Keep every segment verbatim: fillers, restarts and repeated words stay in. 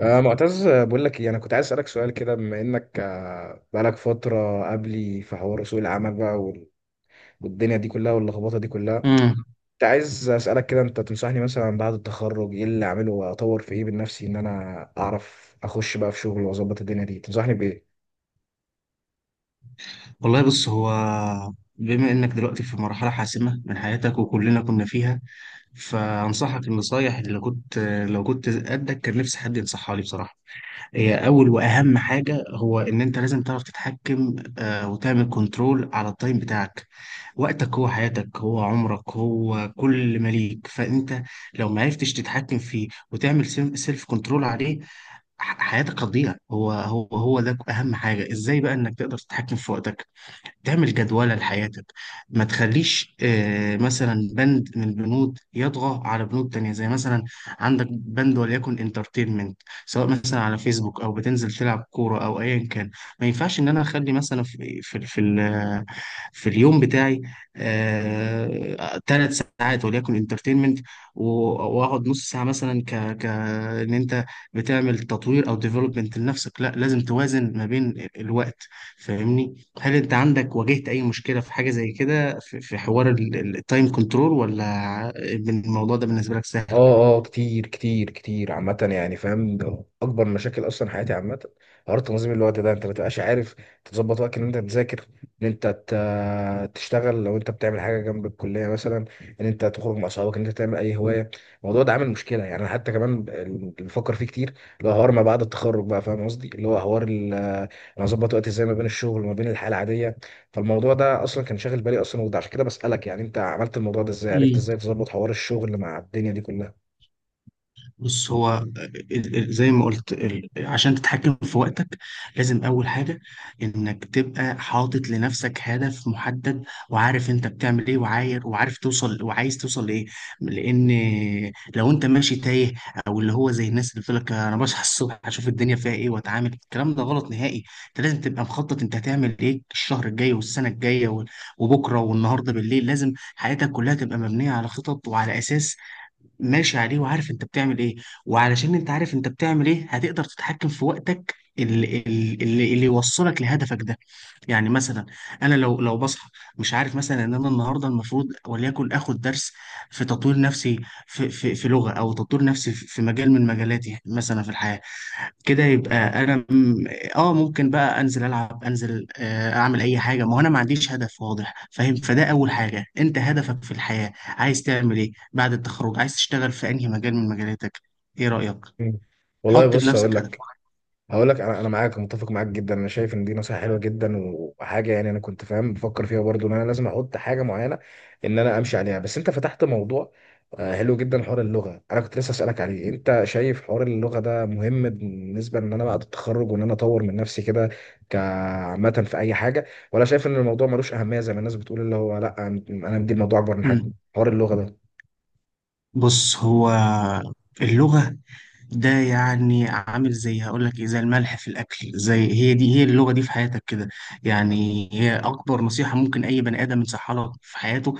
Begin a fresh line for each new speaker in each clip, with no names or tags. آه معتز، آه، بقول لك إيه، انا كنت عايز اسالك سؤال كده بما انك آه، بقالك فتره قبلي في حوار سوق العمل بقى وال- والدنيا دي كلها واللخبطه دي كلها.
امم
كنت عايز اسالك كده، انت تنصحني مثلا بعد التخرج ايه اللي اعمله واطور في ايه من نفسي ان انا اعرف اخش بقى في شغل واظبط الدنيا دي، تنصحني بايه؟
والله، بص، هو. بما انك دلوقتي في مرحله حاسمه من حياتك وكلنا كنا فيها، فانصحك النصايح اللي كنت لو كنت قدك كان نفسي حد ينصحها لي بصراحه. هي اول واهم حاجه، هو ان انت لازم تعرف تتحكم آه، وتعمل كنترول على التايم بتاعك. وقتك هو حياتك، هو عمرك، هو كل ما ليك. فانت لو ما عرفتش تتحكم فيه وتعمل سيلف كنترول عليه، ح- حياتك هتضيع. هو هو هو ده اهم حاجه. ازاي بقى انك تقدر تتحكم في وقتك، تعمل جدولة لحياتك؟ ما تخليش آه، مثلا بند من البنود يطغى على بنود تانية، زي مثلا عندك بند وليكن انترتينمنت، سواء مثلا على فيسبوك او بتنزل تلعب كورة او ايا كان. ما ينفعش ان انا اخلي مثلا في في في, ال- في اليوم بتاعي ثلاث ساعات وليكن انترتينمنت، واقعد نص ساعة مثلا ك ك ان انت بتعمل تطوير او ديفلوبمنت لنفسك. لا، لازم توازن ما بين الوقت. فاهمني؟ هل انت عندك واجهت اي مشكلة في حاجة زي كده في في حوار التايم كنترول، ولا الموضوع ده بالنسبة لك سهل؟
اه، اه، كتير كتير كتير عامة، يعني فاهم ده أكبر مشاكل أصلا حياتي عامة. حوار تنظيم الوقت ده أنت ما بتبقاش عارف تظبط وقتك إن أنت تذاكر، إن أنت ت- تشتغل لو أنت بتعمل حاجة جنب الكلية مثلا، إن أنت تخرج مع أصحابك، إن أنت تعمل أي هواية. الموضوع ده عامل مشكلة. يعني أنا حتى كمان اللي بفكر فيه كتير اللي هو حوار ما بعد التخرج بقى، فاهم قصدي، اللي هو حوار ال- أنا أظبط وقتي إزاي ما بين الشغل وما بين الحياة العادية. فالموضوع ده أصلا كان شاغل بالي أصلا، وده عشان كده بسألك. يعني أنت عملت الموضوع ده إزاي؟ عرفت إزاي تظبط حوار الشغل مع الدنيا دي كلها؟
بص، هو ال- ال- زي ما قلت، ال- عشان تتحكم في وقتك لازم أول حاجة إنك تبقى حاطط لنفسك هدف محدد، وعارف أنت بتعمل إيه، وعاير وعارف توصل وعايز توصل لإيه. لأن لو أنت ماشي تايه، أو اللي هو زي الناس اللي بتقول لك أنا بصحى الصبح أشوف الدنيا فيها إيه وأتعامل، الكلام ده غلط نهائي. أنت لازم تبقى مخطط، أنت هتعمل إيه الشهر الجاي والسنة الجاية وال- وبكرة والنهاردة بالليل. لازم حياتك كلها تبقى مبنية على خطط وعلى أساس ماشي عليه وعارف انت بتعمل ايه. وعلشان انت عارف انت بتعمل ايه، هتقدر تتحكم في وقتك اللي, اللي, اللي يوصلك لهدفك ده. يعني مثلا انا لو لو بصحى مش عارف مثلا ان انا النهارده المفروض وليكن اخد درس في تطوير نفسي في, في, في لغة، او تطوير نفسي في في مجال من مجالاتي مثلا في الحياة كده، يبقى انا م- اه، ممكن بقى انزل العب، انزل آه، اعمل اي حاجه، ما هو انا ما عنديش هدف واضح، فاهم؟ فده اول حاجه، انت هدفك في الحياه عايز تعمل ايه بعد التخرج؟ عايز تشتغل في انهي مجال من مجالاتك؟ ايه رايك؟
مم. والله
حط
بص، هقول
لنفسك هدف.
لك، هقول لك انا انا معاك، متفق معاك جدا. انا شايف ان دي نصيحه حلوه جدا وحاجه، يعني انا كنت فاهم بفكر فيها برضو ان انا لازم احط حاجه معينه ان انا امشي عليها. بس انت فتحت موضوع آه، حلو جدا، حوار اللغه. انا كنت لسه اسالك عليه، انت شايف حوار اللغه ده مهم بالنسبه ان انا بعد التخرج وان انا اطور من نفسي كده، كعامه في اي حاجه؟ ولا شايف ان الموضوع ملوش اهميه زي ما الناس بتقول، اللي هو لا، انا أنا مدي الموضوع اكبر من
مم.
حجمه، حوار اللغه
بص، هو اللغه ده يعني عامل زي هقول لك ايه، زي الملح في الاكل، زي، هي دي، هي اللغه دي في حياتك كده. يعني هي اكبر نصيحه ممكن اي بني ادم ينصحها لك في حياته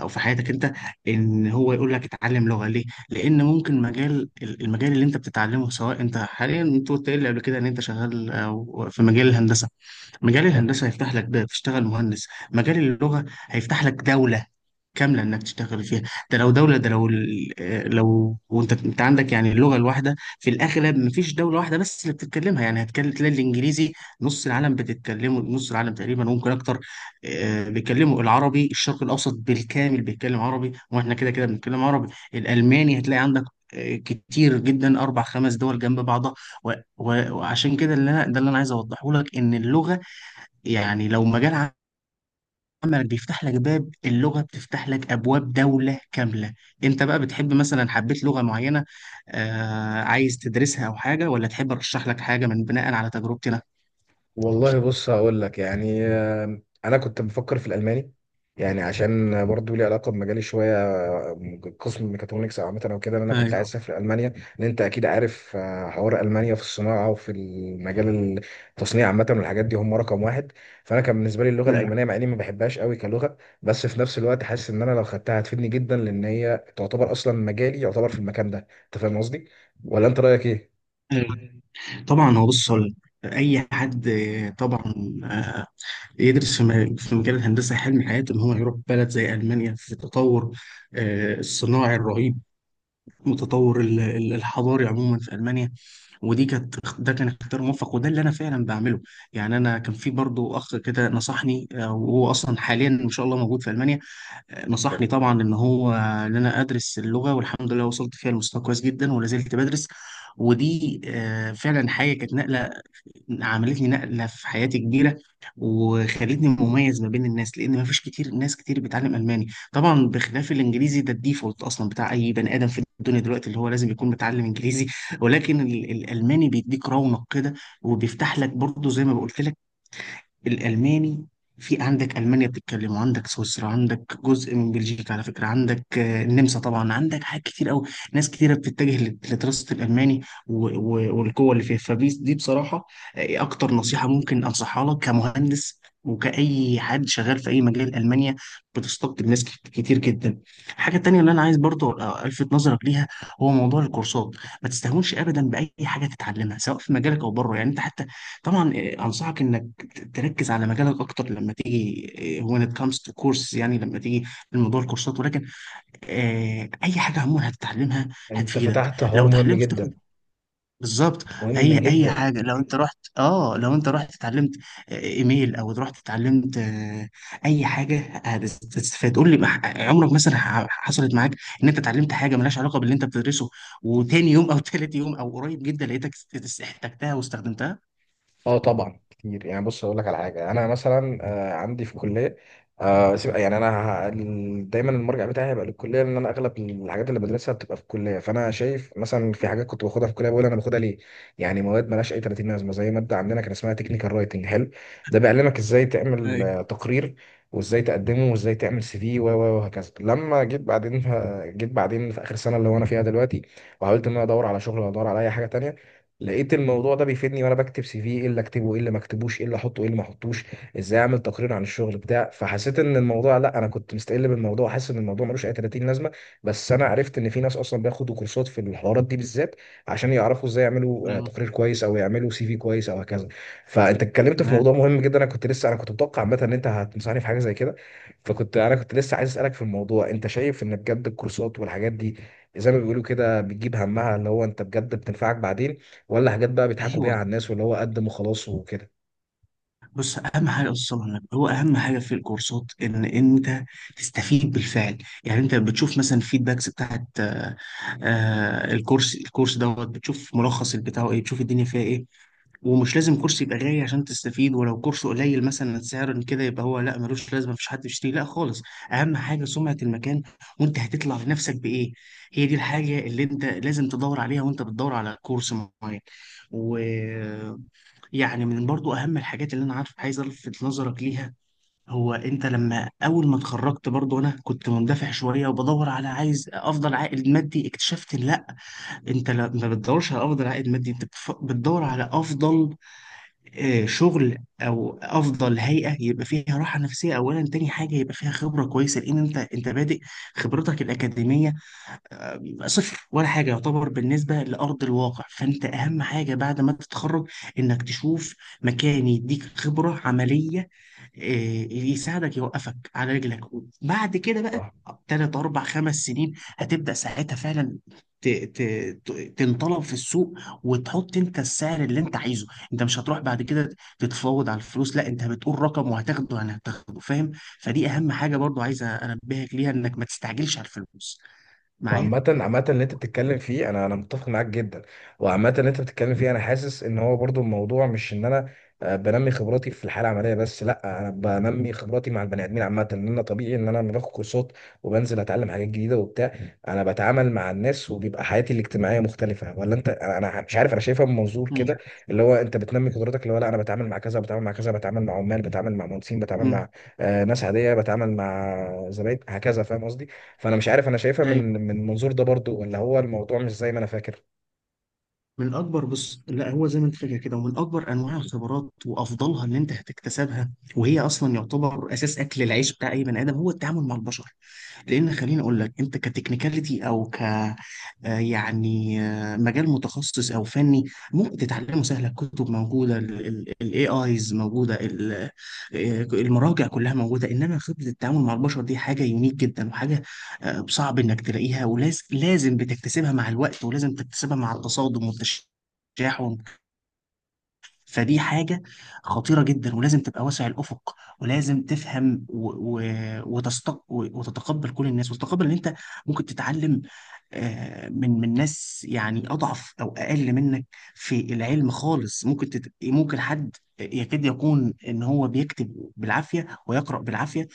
او في حياتك انت، ان هو يقول لك اتعلم لغه. ليه؟ لان ممكن مجال، المجال اللي انت بتتعلمه، سواء انت حاليا انت قلت لي قبل كده ان انت شغال أو في مجال الهندسه، مجال
ده؟
الهندسه هيفتح لك باب تشتغل مهندس، مجال اللغه هيفتح لك دوله كامله انك تشتغل فيها. ده لو دوله، ده لو ال- آه، لو، وانت انت عندك يعني اللغه الواحده في الاغلب مفيش دوله واحده بس اللي بتتكلمها. يعني هتكلم تلاقي الانجليزي نص العالم بتتكلمه، نص العالم تقريبا ممكن اكتر. آه، بيتكلموا العربي، الشرق الاوسط بالكامل بيتكلم عربي، واحنا كده كده بنتكلم عربي. الالماني هتلاقي عندك آه، كتير جدا، اربع خمس دول جنب بعضها، و- و- وعشان كده، اللي انا ده اللي انا عايز اوضحه لك، ان اللغه يعني لو مجال عملك بيفتح لك باب، اللغة بتفتح لك أبواب دولة كاملة. أنت بقى بتحب مثلا، حبيت لغة معينة، آه، عايز تدرسها أو حاجة، ولا تحب أرشح لك حاجة من بناء على تجربتي أنا؟
والله بص، هقول لك، يعني آه، انا كنت بفكر في الالماني، يعني عشان برضو لي علاقه بمجالي شويه، آه، قسم ميكاترونكس او عامه او كده. إن انا كنت
ايوه.
عايز اسافر المانيا لان انت اكيد عارف آه، حوار المانيا في الصناعه وفي المجال، التصنيع عامه والحاجات دي، هم رقم واحد. فانا كان بالنسبه لي اللغه
أيوة.
الالمانيه، مع اني ما بحبهاش قوي كلغه، بس في نفس الوقت حاسس ان انا لو خدتها هتفيدني جدا، لان هي تعتبر اصلا مجالي يعتبر في المكان ده. انت فاهم قصدي؟ ولا انت رايك ايه؟
أيوة. طبعا هو، بص، هقول لك، أي حد آه، طبعا آه، يدرس في م- في مجال الهندسة، حلم حياته إن هو يروح بلد زي ألمانيا في التطور آه، الصناعي الرهيب، متطور ال- ال- الحضاري عموما في المانيا. ودي كانت، ده كان اختيار موفق، وده اللي انا فعلا بعمله. يعني انا كان في برضو اخ كده نصحني آه، وهو اصلا حاليا ان شاء الله موجود في المانيا، آه، نصحني طبعا ان هو ان انا ادرس اللغه، والحمد لله وصلت فيها لمستوى كويس جدا ولا زلت بدرس. ودي آه، فعلا حاجه كانت نقله، عملت لي نقلة في حياتي كبيرة، وخلتني مميز ما بين الناس، لأن ما فيش كتير ناس كتير بتعلم ألماني. طبعا بخلاف الإنجليزي، ده الديفولت أصلا بتاع أي بني آدم في الدنيا دلوقتي، اللي هو لازم يكون متعلم إنجليزي. ولكن ال- الألماني بيديك رونق كده، وبيفتح لك برضه زي ما بقولت لك، الألماني في عندك ألمانيا بتتكلم، وعندك سويسرا، عندك جزء من بلجيكا على فكرة، عندك آه، النمسا طبعا، عندك حاجات كتير أوي. ناس كتيرة بتتجه لت- لدراسة الألماني و- و- والقوة اللي فيها. فدي بصراحة آه، إيه أكتر نصيحة ممكن أنصحها لك كمهندس وكأي حد شغال في أي مجال. ألمانيا بتستقطب ناس كت- كتير جدا. الحاجة التانية اللي أنا عايز برضو آه، ألفت نظرك ليها، هو موضوع الكورسات. ما تستهونش أبدا بأي حاجة تتعلمها سواء في مجالك أو بره. يعني أنت حتى، طبعا آه، أنصحك إنك تركز على مجالك اكتر لما تيجي، آه، when it comes to course، يعني لما تيجي الموضوع الكورسات. ولكن آه، اي حاجه عموما هتتعلمها
انت
هتفيدك
فتحت حوار
لو
مهم
اتعلمت تاخد
جدا،
بالظبط.
مهم
اي اي
جدا.
حاجه لو انت رحت، اه، لو انت رحت اتعلمت آه، ايميل، او رحت اتعلمت آه، اي حاجه، هتستفاد. قول لي، مح- عمرك مثلا ح- حصلت معاك ان انت اتعلمت حاجه ملهاش علاقه باللي انت بتدرسه، وتاني يوم او تالت يوم او قريب جدا لقيتك است- است- احتجتها واستخدمتها؟
اه طبعا كتير. يعني بص، اقول لك على حاجه، انا مثلا آه، عندي في الكليه آه، سيب- يعني انا ه- ال- دايما المرجع بتاعي هيبقى للكليه، لان انا اغلب الحاجات اللي بدرسها بتبقى في الكليه. فانا شايف مثلا في حاجات كنت باخدها في الكليه بقول انا باخدها ليه، يعني مواد مالهاش اي تلاتين لازمه، زي ماده عندنا كان اسمها تكنيكال رايتنج. حلو، ده بيعلمك ازاي تعمل
ايوه.
آه، تقرير، وازاي تقدمه، وازاي تعمل سي في، و و- وهكذا. لما جيت بعدين، ف- جيت بعدين في اخر سنه اللي هو انا فيها دلوقتي وحاولت ان انا ادور على شغل ولا ادور على اي حاجه تانية، لقيت الموضوع ده بيفيدني وانا بكتب سي في، ايه اللي اكتبه، ايه اللي ما اكتبوش، ايه اللي احطه، ايه اللي ما احطوش، ازاي اعمل تقرير عن الشغل بتاع. فحسيت ان الموضوع، لا، انا كنت مستقل بالموضوع، حاسس ان الموضوع ملوش اي تلاتين لازمه، بس انا عرفت ان في ناس اصلا بياخدوا كورسات في الحوارات دي بالذات عشان يعرفوا ازاي يعملوا آه،
نعم.
تقرير كويس او يعملوا سي في كويس او هكذا. فانت اتكلمت في موضوع
تمام.
مهم جدا، انا كنت لسه، انا كنت متوقع عامه ان انت هتنصحني في حاجه زي كده. فكنت، انا كنت لسه عايز اسالك في الموضوع، انت شايف ان بجد الكورسات والحاجات دي زي ما بيقولوا كده بتجيب همها، اللي هو انت بجد بتنفعك بعدين؟ ولا حاجات بقى بيضحكوا بيها
ايوه،
على الناس واللي هو قدم وخلاص وكده؟
بص، اهم حاجه اصلا النبي، هو اهم حاجه في الكورسات ان انت تستفيد بالفعل. يعني انت بتشوف مثلا الفيدباكس بتاعت آه، آه، الكورس الكورس دوت، بتشوف ملخص بتاعه ايه، بتشوف الدنيا فيها ايه. ومش لازم كورس يبقى غالي عشان تستفيد، ولو كورس قليل مثلا سعرا كده يبقى هو لا، ملوش لازمه، مفيش حد يشتري لا خالص. اهم حاجه سمعه المكان، وانت هتطلع لنفسك بايه. هي دي الحاجه اللي انت لازم تدور عليها وانت بتدور على كورس معين. و... يعني من برضو اهم الحاجات اللي انا عارف عايز الفت نظرك ليها، هو انت لما اول ما اتخرجت، برضو انا كنت مندفع شويه وبدور على، عايز افضل عائد مادي. اكتشفت إن لا، انت لا- ما بتدورش على افضل عائد مادي، انت بتف- بتدور على افضل آه، شغل، او افضل هيئه يبقى فيها راحه نفسيه اولا. تاني حاجه، يبقى فيها خبره كويسه، لان انت انت بادئ، خبرتك الاكاديميه صفر ولا حاجة يعتبر بالنسبة لأرض الواقع. فأنت أهم حاجة بعد ما تتخرج، إنك تشوف مكان يديك خبرة عملية، إيه، يساعدك يوقفك على رجلك. بعد كده بقى
صح.
تلات أربع خمس سنين، هتبدأ ساعتها فعلا ت- ت- ت- تنطلب في السوق، وتحط انت السعر اللي انت عايزه. انت مش هتروح بعد كده تتفاوض على الفلوس، لا، انت بتقول رقم وهتاخده، انا هتاخده، فاهم. فدي اهم حاجة برضو عايز انبهك ليها، انك ما تستعجلش على الفلوس معايا.
وعامة، عامة اللي انت بتتكلم فيه انا، انا متفق معاك جدا. وعامة اللي انت بتتكلم فيه انا حاسس ان هو برضو الموضوع مش ان انا آه، بنمي خبراتي في الحالة العملية بس، لا، انا بنمي خبراتي مع البني ادمين عامة. ان انا طبيعي ان انا لما باخد كورسات وبنزل اتعلم حاجات جديدة وبتاع، انا بتعامل مع الناس، وبيبقى حياتي الاجتماعية مختلفة. ولا انت، انا أنا مش عارف، انا شايفها من منظور
مم.
كده اللي هو انت بتنمي قدراتك، اللي هو لا، انا بتعامل مع كذا، بتعامل مع كذا، بتعامل مع عمال، بتعامل مع مهندسين، بتعامل
مم.
مع آه، ناس عادية، بتعامل مع زباين، هكذا. فاهم قصدي؟ فانا مش عارف، انا شايفها من
ايوه،
من المنظور ده برضو، ولا هو الموضوع مش زي ما انا فاكر؟
من اكبر، بص، لا، هو زي ما انت فاكر كده. ومن اكبر انواع الخبرات وافضلها اللي انت هتكتسبها، وهي اصلا يعتبر اساس اكل العيش بتاع اي بني ادم، هو التعامل مع البشر. لان خليني اقول لك، انت كتكنيكاليتي، او ك آه، يعني آه، مجال متخصص او فني ممكن تتعلمه سهل، الكتب موجوده، الاي ايز موجوده، ال- آه، المراجع كلها موجوده. انما خبره التعامل مع البشر دي حاجه يونيك جدا، وحاجه آه، صعب انك تلاقيها، ولازم لازم بتكتسبها مع الوقت، ولازم تكتسبها مع التصادم والتشاحن. فدي حاجة خطيرة جدا، ولازم تبقى واسع الأفق، ولازم تفهم و... و... وتستق... و- وتتقبل كل الناس، وتتقبل ان انت ممكن تتعلم آه، من من ناس يعني أضعف أو أقل منك في العلم خالص. ممكن تت... ممكن حد يكاد يكون ان هو بيكتب بالعافية ويقرأ بالعافية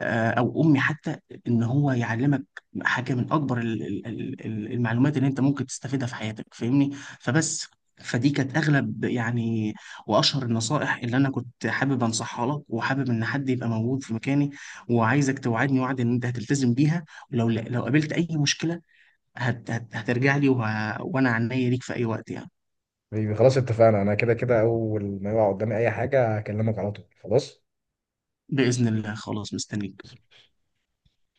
آه، او امي حتى، ان هو يعلمك حاجه من اكبر ال- ال- ال- ال- المعلومات اللي انت ممكن تستفيدها في حياتك، فاهمني. فبس، فدي كانت اغلب يعني، واشهر النصائح اللي انا كنت حابب انصحها لك، وحابب ان حد يبقى موجود في مكاني، وعايزك توعدني وعد ان انت هتلتزم بيها. ولو لو قابلت اي مشكله، هت هت هترجع لي، وه... وانا عنيا ليك في اي وقت يعني.
بيبي، خلاص اتفقنا، انا كده كده اول ما يقع قدامي اي حاجه هكلمك على طول، خلاص.
باذن الله، خلاص، مستنيك.